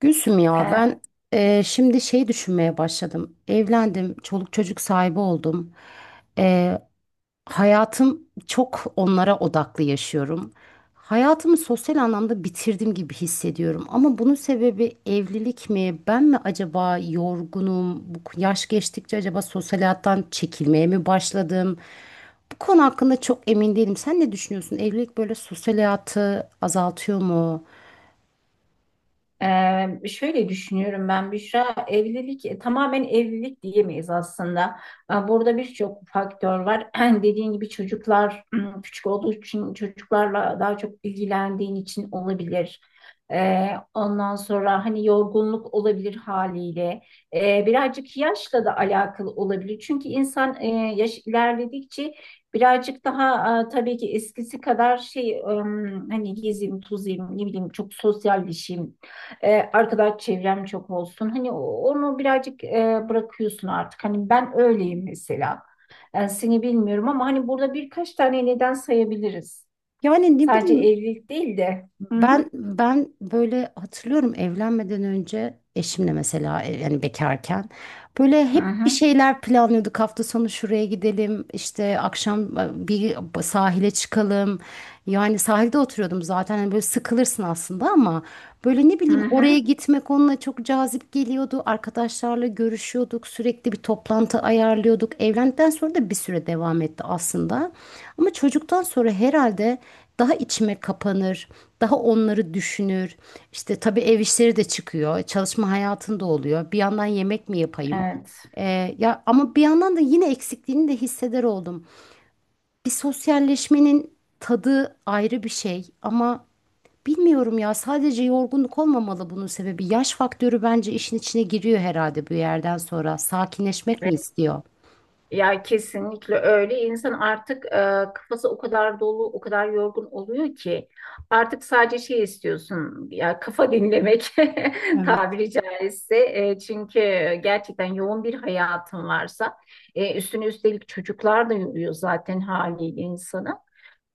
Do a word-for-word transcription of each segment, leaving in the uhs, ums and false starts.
Gülsüm ya E, ben eee, şimdi şey düşünmeye başladım. Evlendim, çoluk çocuk sahibi oldum. Eee, hayatım çok onlara odaklı yaşıyorum. Hayatımı sosyal anlamda bitirdim gibi hissediyorum. Ama bunun sebebi evlilik mi? Ben mi acaba yorgunum? Bu yaş geçtikçe acaba sosyal hayattan çekilmeye mi başladım? Bu konu hakkında çok emin değilim. Sen ne düşünüyorsun? Evlilik böyle sosyal hayatı azaltıyor mu? Ee, şöyle düşünüyorum ben Büşra, evlilik e, tamamen evlilik diyemeyiz aslında. Ee, Burada birçok faktör var. Dediğin gibi çocuklar küçük olduğu için çocuklarla daha çok ilgilendiğin için olabilir. Ee, ondan sonra hani yorgunluk olabilir haliyle. Ee, birazcık yaşla da alakalı olabilir. Çünkü insan e, yaş ilerledikçe Birazcık daha e, tabii ki eskisi kadar şey ım, hani gezeyim, tozayım, ne bileyim çok sosyalleşeyim e, arkadaş çevrem çok olsun. Hani o- onu birazcık e, bırakıyorsun artık. Hani ben öyleyim mesela. E, seni bilmiyorum ama hani burada birkaç tane neden sayabiliriz. Yani ne Sadece bileyim. evlilik değil de. Hı hı. Ben ben böyle hatırlıyorum evlenmeden önce eşimle mesela e, yani bekarken böyle Hı hep bir hı. şeyler planlıyorduk. Hafta sonu şuraya gidelim, işte akşam e, bir sahile çıkalım. Yani sahilde oturuyordum zaten hani böyle sıkılırsın aslında ama böyle ne Hı bileyim oraya hı. gitmek onunla çok cazip geliyordu. Arkadaşlarla görüşüyorduk. Sürekli bir toplantı ayarlıyorduk. Evlendikten sonra da bir süre devam etti aslında. Ama çocuktan sonra herhalde daha içime kapanır, daha onları düşünür. İşte tabii ev işleri de çıkıyor. Çalışma hayatında oluyor. Bir yandan yemek mi yapayım? Evet. Ee, ya ama bir yandan da yine eksikliğini de hisseder oldum. Bir sosyalleşmenin tadı ayrı bir şey ama bilmiyorum ya sadece yorgunluk olmamalı bunun sebebi. Yaş faktörü bence işin içine giriyor herhalde bu yerden sonra. Sakinleşmek mi istiyor? Ya kesinlikle öyle. İnsan artık e, kafası o kadar dolu, o kadar yorgun oluyor ki artık sadece şey istiyorsun. Ya kafa dinlemek Evet. tabiri caizse. E, çünkü gerçekten yoğun bir hayatın varsa e, üstüne üstelik çocuklar da yoruyor zaten haliyle insanı.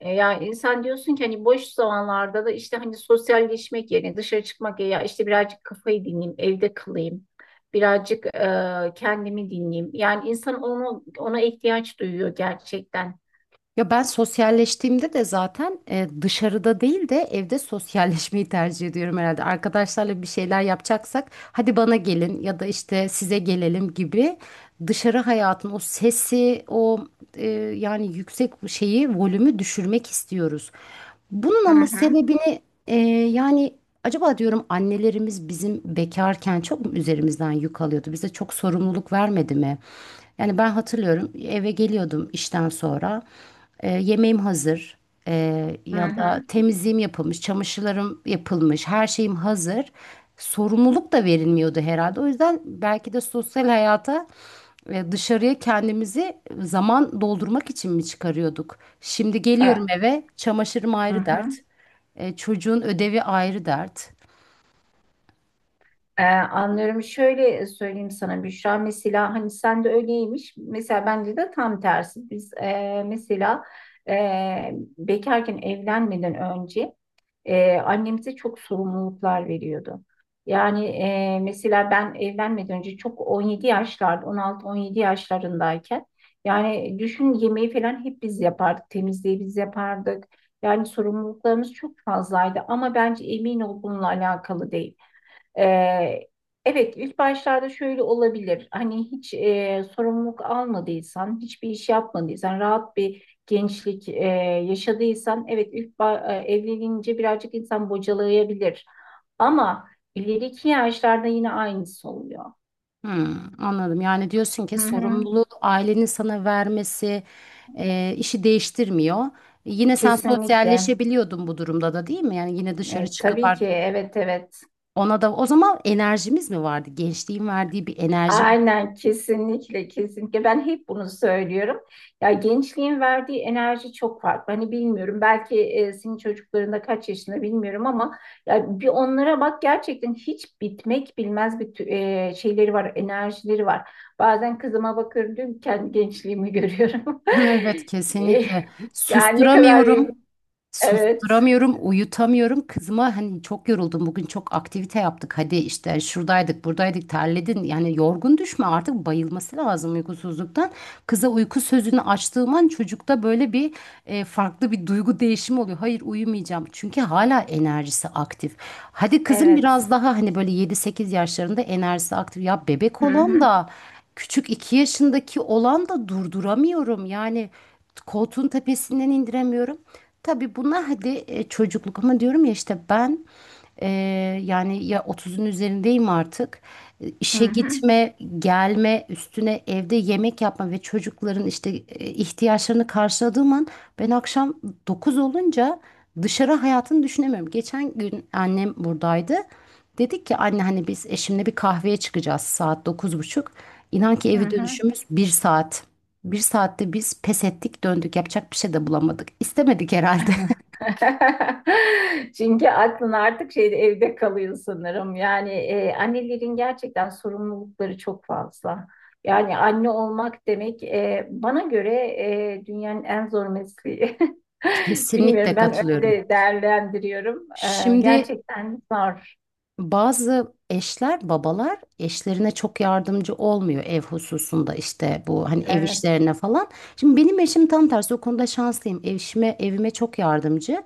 E, Yani sen diyorsun ki hani boş zamanlarda da işte hani sosyalleşmek yerine dışarı çıkmak ya işte birazcık kafayı dinleyeyim, evde kalayım, birazcık e, kendimi dinleyeyim. Yani insan onu ona ihtiyaç duyuyor gerçekten. Ya ben sosyalleştiğimde de zaten e, dışarıda değil de evde sosyalleşmeyi tercih ediyorum herhalde. Arkadaşlarla bir şeyler yapacaksak hadi bana gelin ya da işte size gelelim gibi dışarı hayatın o sesi o e, yani yüksek şeyi volümü düşürmek istiyoruz. Bunun Hı ama hı, sebebini e, yani acaba diyorum annelerimiz bizim bekarken çok mu üzerimizden yük alıyordu? Bize çok sorumluluk vermedi mi? Yani ben hatırlıyorum eve geliyordum işten sonra. E, yemeğim hazır. E, hı ya da hı, temizliğim yapılmış, çamaşırlarım yapılmış, her şeyim hazır. Sorumluluk da verilmiyordu herhalde. O yüzden belki de sosyal hayata e, dışarıya kendimizi zaman doldurmak için mi çıkarıyorduk? Şimdi geliyorum e, eve, çamaşırım hı ayrı hı. dert, e, çocuğun ödevi ayrı dert. Ee, anlıyorum. Şöyle söyleyeyim sana Büşra. Mesela hani sen de öyleymiş. Mesela bence de tam tersi. Biz e, mesela e, bekarken evlenmeden önce e, annemize çok sorumluluklar veriyordu. Yani e, mesela ben evlenmeden önce çok on yedi yaşlarda, on altı on yedi yaşlarındayken yani düşün yemeği falan hep biz yapardık. Temizliği biz yapardık. Yani sorumluluklarımız çok fazlaydı ama bence emin ol bununla alakalı değil. Ee, evet ilk başlarda şöyle olabilir. Hani hiç e, sorumluluk almadıysan, hiçbir iş yapmadıysan, rahat bir gençlik e, yaşadıysan, evet ilk ba- e, evlenince birazcık insan bocalayabilir. Ama ileriki yaşlarda yine aynısı oluyor. Hmm, anladım. Yani diyorsun ki Hı hı. sorumluluğu ailenin sana vermesi e, işi değiştirmiyor. E, Yine sen Kesinlikle. sosyalleşebiliyordun bu durumda da değil mi? Yani yine dışarı E, çıkıp tabii ki art- evet evet. ona da o zaman enerjimiz mi vardı? Gençliğin verdiği bir enerji. Aynen kesinlikle kesinlikle ben hep bunu söylüyorum. Ya gençliğin verdiği enerji çok farklı. Hani bilmiyorum belki e, senin çocuklarında kaç yaşında bilmiyorum ama ya bir onlara bak gerçekten hiç bitmek bilmez bir tü- e, şeyleri var, enerjileri var. Bazen kızıma bakıyorum diyorum ki, kendi gençliğimi görüyorum. Evet, Eh, kesinlikle. Yani ne kadar Susturamıyorum. evet Susturamıyorum, uyutamıyorum. Kızıma hani çok yoruldum bugün, çok aktivite yaptık. Hadi işte şuradaydık, buradaydık, terledin. Yani yorgun düşme artık, bayılması lazım uykusuzluktan. Kıza uyku sözünü açtığım an çocukta böyle bir e, farklı bir duygu değişimi oluyor. Hayır, uyumayacağım. Çünkü hala enerjisi aktif. Hadi kızım evet. biraz daha, hani böyle yedi sekiz yaşlarında enerjisi aktif. Ya bebek Hı olan hı, da küçük iki yaşındaki olan da durduramıyorum. Yani koltuğun tepesinden indiremiyorum. Tabii bunlar hadi e, çocukluk ama diyorum ya, işte ben e, yani ya otuzun üzerindeyim artık. E, hı İşe hı. gitme, gelme, üstüne evde yemek yapma ve çocukların işte e, ihtiyaçlarını karşıladığım an ben akşam dokuz olunca dışarı hayatını düşünemiyorum. Geçen gün annem buradaydı. Dedik ki anne, hani biz eşimle bir kahveye çıkacağız saat dokuz buçuk. İnan ki hı evi hı. dönüşümüz bir saat. Bir saatte biz pes ettik, döndük. Yapacak bir şey de bulamadık. İstemedik herhalde. Çünkü aklın artık şeyde evde kalıyor sanırım. Yani e, annelerin gerçekten sorumlulukları çok fazla. Yani anne olmak demek e, bana göre e, dünyanın en zor mesleği. Bilmiyorum Kesinlikle ben katılıyorum. öyle değerlendiriyorum. E, Şimdi, gerçekten zor. bazı eşler, babalar eşlerine çok yardımcı olmuyor ev hususunda, işte bu hani ev Evet, işlerine falan. Şimdi benim eşim tam tersi, o konuda şanslıyım. Eşime, evime çok yardımcı.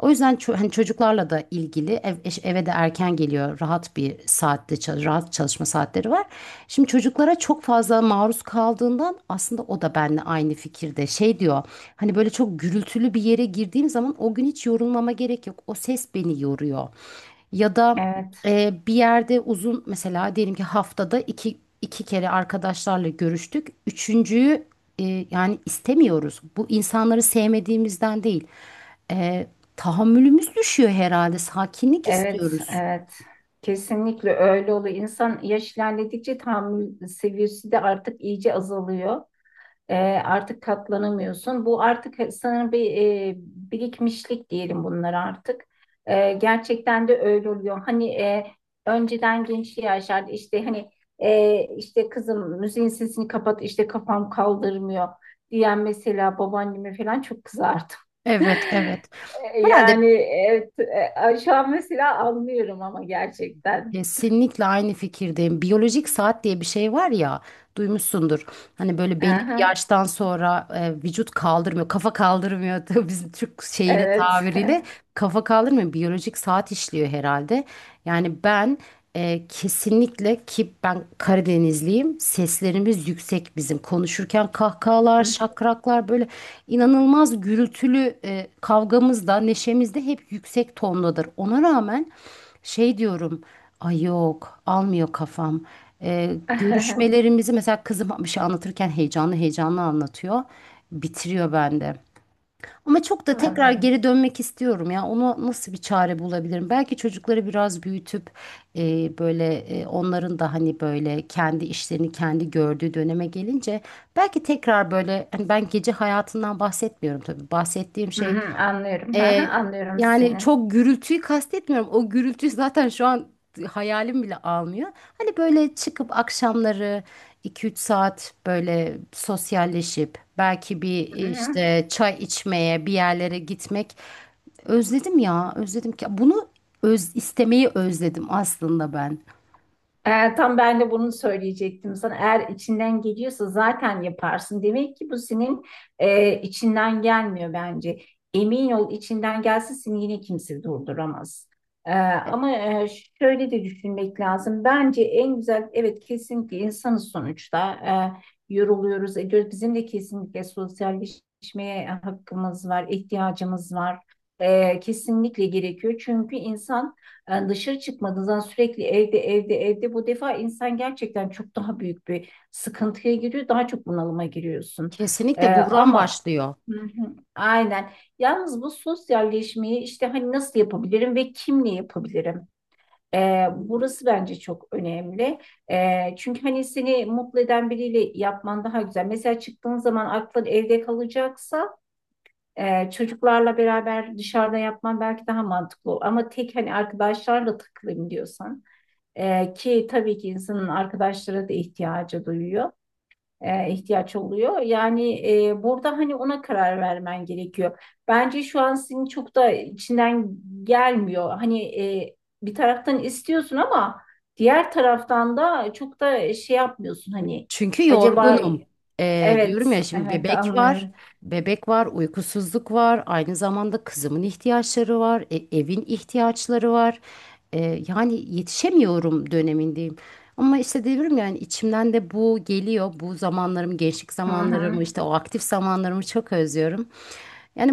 O yüzden ço- hani çocuklarla da ilgili, ev, eş- eve de erken geliyor. Rahat bir saatte, çal- rahat çalışma saatleri var. Şimdi çocuklara çok fazla maruz kaldığından aslında o da benimle aynı fikirde. Şey diyor. Hani böyle çok gürültülü bir yere girdiğim zaman o gün hiç yorulmama gerek yok. O ses beni yoruyor. Ya da evet, ee, bir yerde uzun, mesela diyelim ki haftada iki, iki kere arkadaşlarla görüştük. Üçüncüyü e, yani istemiyoruz. Bu insanları sevmediğimizden değil. Ee, tahammülümüz düşüyor herhalde. Sakinlik evet, istiyoruz. evet. Kesinlikle öyle oluyor. İnsan yaş ilerledikçe tahammül seviyesi de artık iyice azalıyor. E, artık katlanamıyorsun. Bu artık sanırım bir e, birikmişlik diyelim bunlar artık. E, gerçekten de öyle oluyor. Hani e, önceden gençliği aşardı işte hani e, işte kızım müziğin sesini kapat işte kafam kaldırmıyor diyen mesela babaanneme falan çok kızardım. Evet, evet. E, Yani Herhalde. evet, e, şu an mesela anlıyorum ama gerçekten. Kesinlikle aynı fikirdeyim. Biyolojik saat diye bir şey var ya, duymuşsundur. Hani böyle belli bir Aha, yaştan sonra e, vücut kaldırmıyor, kafa kaldırmıyor. Tabii bizim Türk şeyiyle, Evet. tabiriyle kafa kaldırmıyor. Biyolojik saat işliyor herhalde. Yani ben ee, kesinlikle, ki ben Karadenizliyim. Seslerimiz yüksek bizim. Konuşurken kahkahalar, şakraklar, böyle inanılmaz gürültülü e, kavgamız da neşemiz de hep yüksek tondadır. Ona rağmen şey diyorum. Ay, yok, almıyor kafam. Ee, görüşmelerimizi mesela, kızım bir şey anlatırken heyecanlı heyecanlı anlatıyor. Bitiriyor bende. Ama çok da tekrar Anlıyorum. geri dönmek istiyorum ya. Ona nasıl bir çare bulabilirim? Belki çocukları biraz büyütüp e, böyle, e, onların da hani böyle kendi işlerini kendi gördüğü döneme gelince belki tekrar böyle, hani ben gece hayatından bahsetmiyorum tabii. Bahsettiğim Hı şey hı, anlıyorum. Hı hı, ee, anlıyorum yani seni. çok gürültüyü kastetmiyorum. O gürültüyü zaten şu an hayalim bile almıyor. Hani böyle çıkıp akşamları iki üç saat böyle sosyalleşip belki bir, Hı hı. işte çay içmeye bir yerlere gitmek, özledim ya, özledim ki bunu öz, istemeyi özledim aslında ben. Ee, tam ben de bunu söyleyecektim sana. Eğer içinden geliyorsa zaten yaparsın. Demek ki bu senin e, içinden gelmiyor bence. Emin ol içinden gelse seni yine kimse durduramaz. Ee, ama e, şöyle de düşünmek lazım. Bence en güzel, evet kesinlikle insanız sonuçta. Ee, yoruluyoruz, ediyoruz. Bizim de kesinlikle sosyalleşmeye hakkımız var, ihtiyacımız var. Ee, kesinlikle gerekiyor. Çünkü insan yani dışarı çıkmadığınız zaman sürekli evde evde evde bu defa insan gerçekten çok daha büyük bir sıkıntıya giriyor. Daha çok bunalıma giriyorsun. Ee, Kesinlikle buhran ama başlıyor. Hı hı, aynen. Yalnız bu sosyalleşmeyi işte hani nasıl yapabilirim ve kimle yapabilirim? Ee, burası bence çok önemli. Ee, çünkü hani seni mutlu eden biriyle yapman daha güzel. Mesela çıktığın zaman aklın evde kalacaksa ee, çocuklarla beraber dışarıda yapman belki daha mantıklı olur. Ama tek hani arkadaşlarla takılayım diyorsan e, ki tabii ki insanın arkadaşlara da ihtiyacı duyuyor. E, ihtiyaç oluyor. Yani e, burada hani ona karar vermen gerekiyor. Bence şu an senin çok da içinden gelmiyor. Hani e, bir taraftan istiyorsun ama diğer taraftan da çok da şey yapmıyorsun hani Çünkü acaba, yorgunum. Ee, diyorum evet, ya, şimdi evet, bebek var. anlıyorum. Bebek var, uykusuzluk var. Aynı zamanda kızımın ihtiyaçları var. e- evin ihtiyaçları var. Ee, yani yetişemiyorum dönemindeyim. Ama işte diyorum, yani içimden de bu geliyor. Bu zamanlarım, gençlik Hı hı, zamanlarımı, işte o aktif zamanlarımı çok özlüyorum.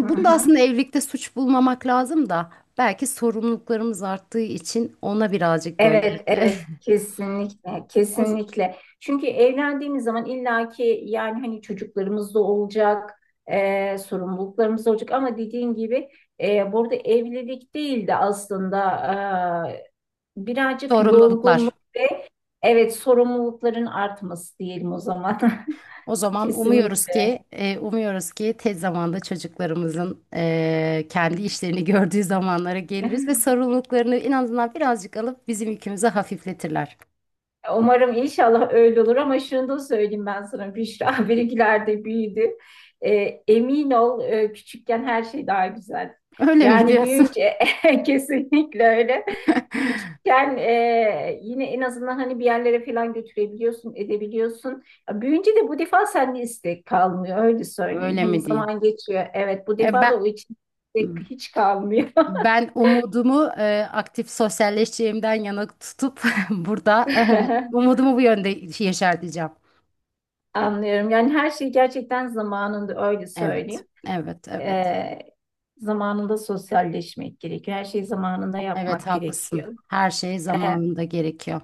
hı bunu da hı. aslında evlilikte suç bulmamak lazım da belki sorumluluklarımız arttığı için ona birazcık böyle Evet, evet, kesinlikle, o kesinlikle. Çünkü evlendiğimiz zaman illaki yani hani çocuklarımız da olacak, e, sorumluluklarımız da olacak ama dediğin gibi e, burada evlilik değil de aslında e, birazcık sorumluluklar. yorgunluk ve evet sorumlulukların artması diyelim o zaman. O zaman umuyoruz Kesinlikle. ki, e, umuyoruz ki tez zamanda çocuklarımızın e, kendi işlerini gördüğü zamanlara geliriz ve sorumluluklarını en azından birazcık alıp bizim yükümüzü hafifletirler. Umarım inşallah öyle olur ama şunu da söyleyeyim ben sana Büşra benimkiler de büyüdü. Ee, emin ol e, küçükken her şey daha güzel. Öyle mi Yani diyorsun? büyüyünce kesinlikle öyle. Küçükken e, yine en azından hani bir yerlere falan götürebiliyorsun, edebiliyorsun. Ya Büyüyünce de bu defa sende istek kalmıyor öyle söyleyeyim. Öyle Hani mi diyeyim? zaman geçiyor. Evet bu E, defa ben da o için istek hiç kalmıyor. ben umudumu e, aktif sosyalleşeceğimden yana tutup burada umudumu bu yönde yeşerteceğim. Anlıyorum. Yani her şey gerçekten zamanında öyle Evet, söyleyeyim. evet, evet. Ee, zamanında sosyalleşmek gerekiyor. Her şeyi zamanında Evet, yapmak haklısın. gerekiyor. Her şey E, zamanında gerekiyor.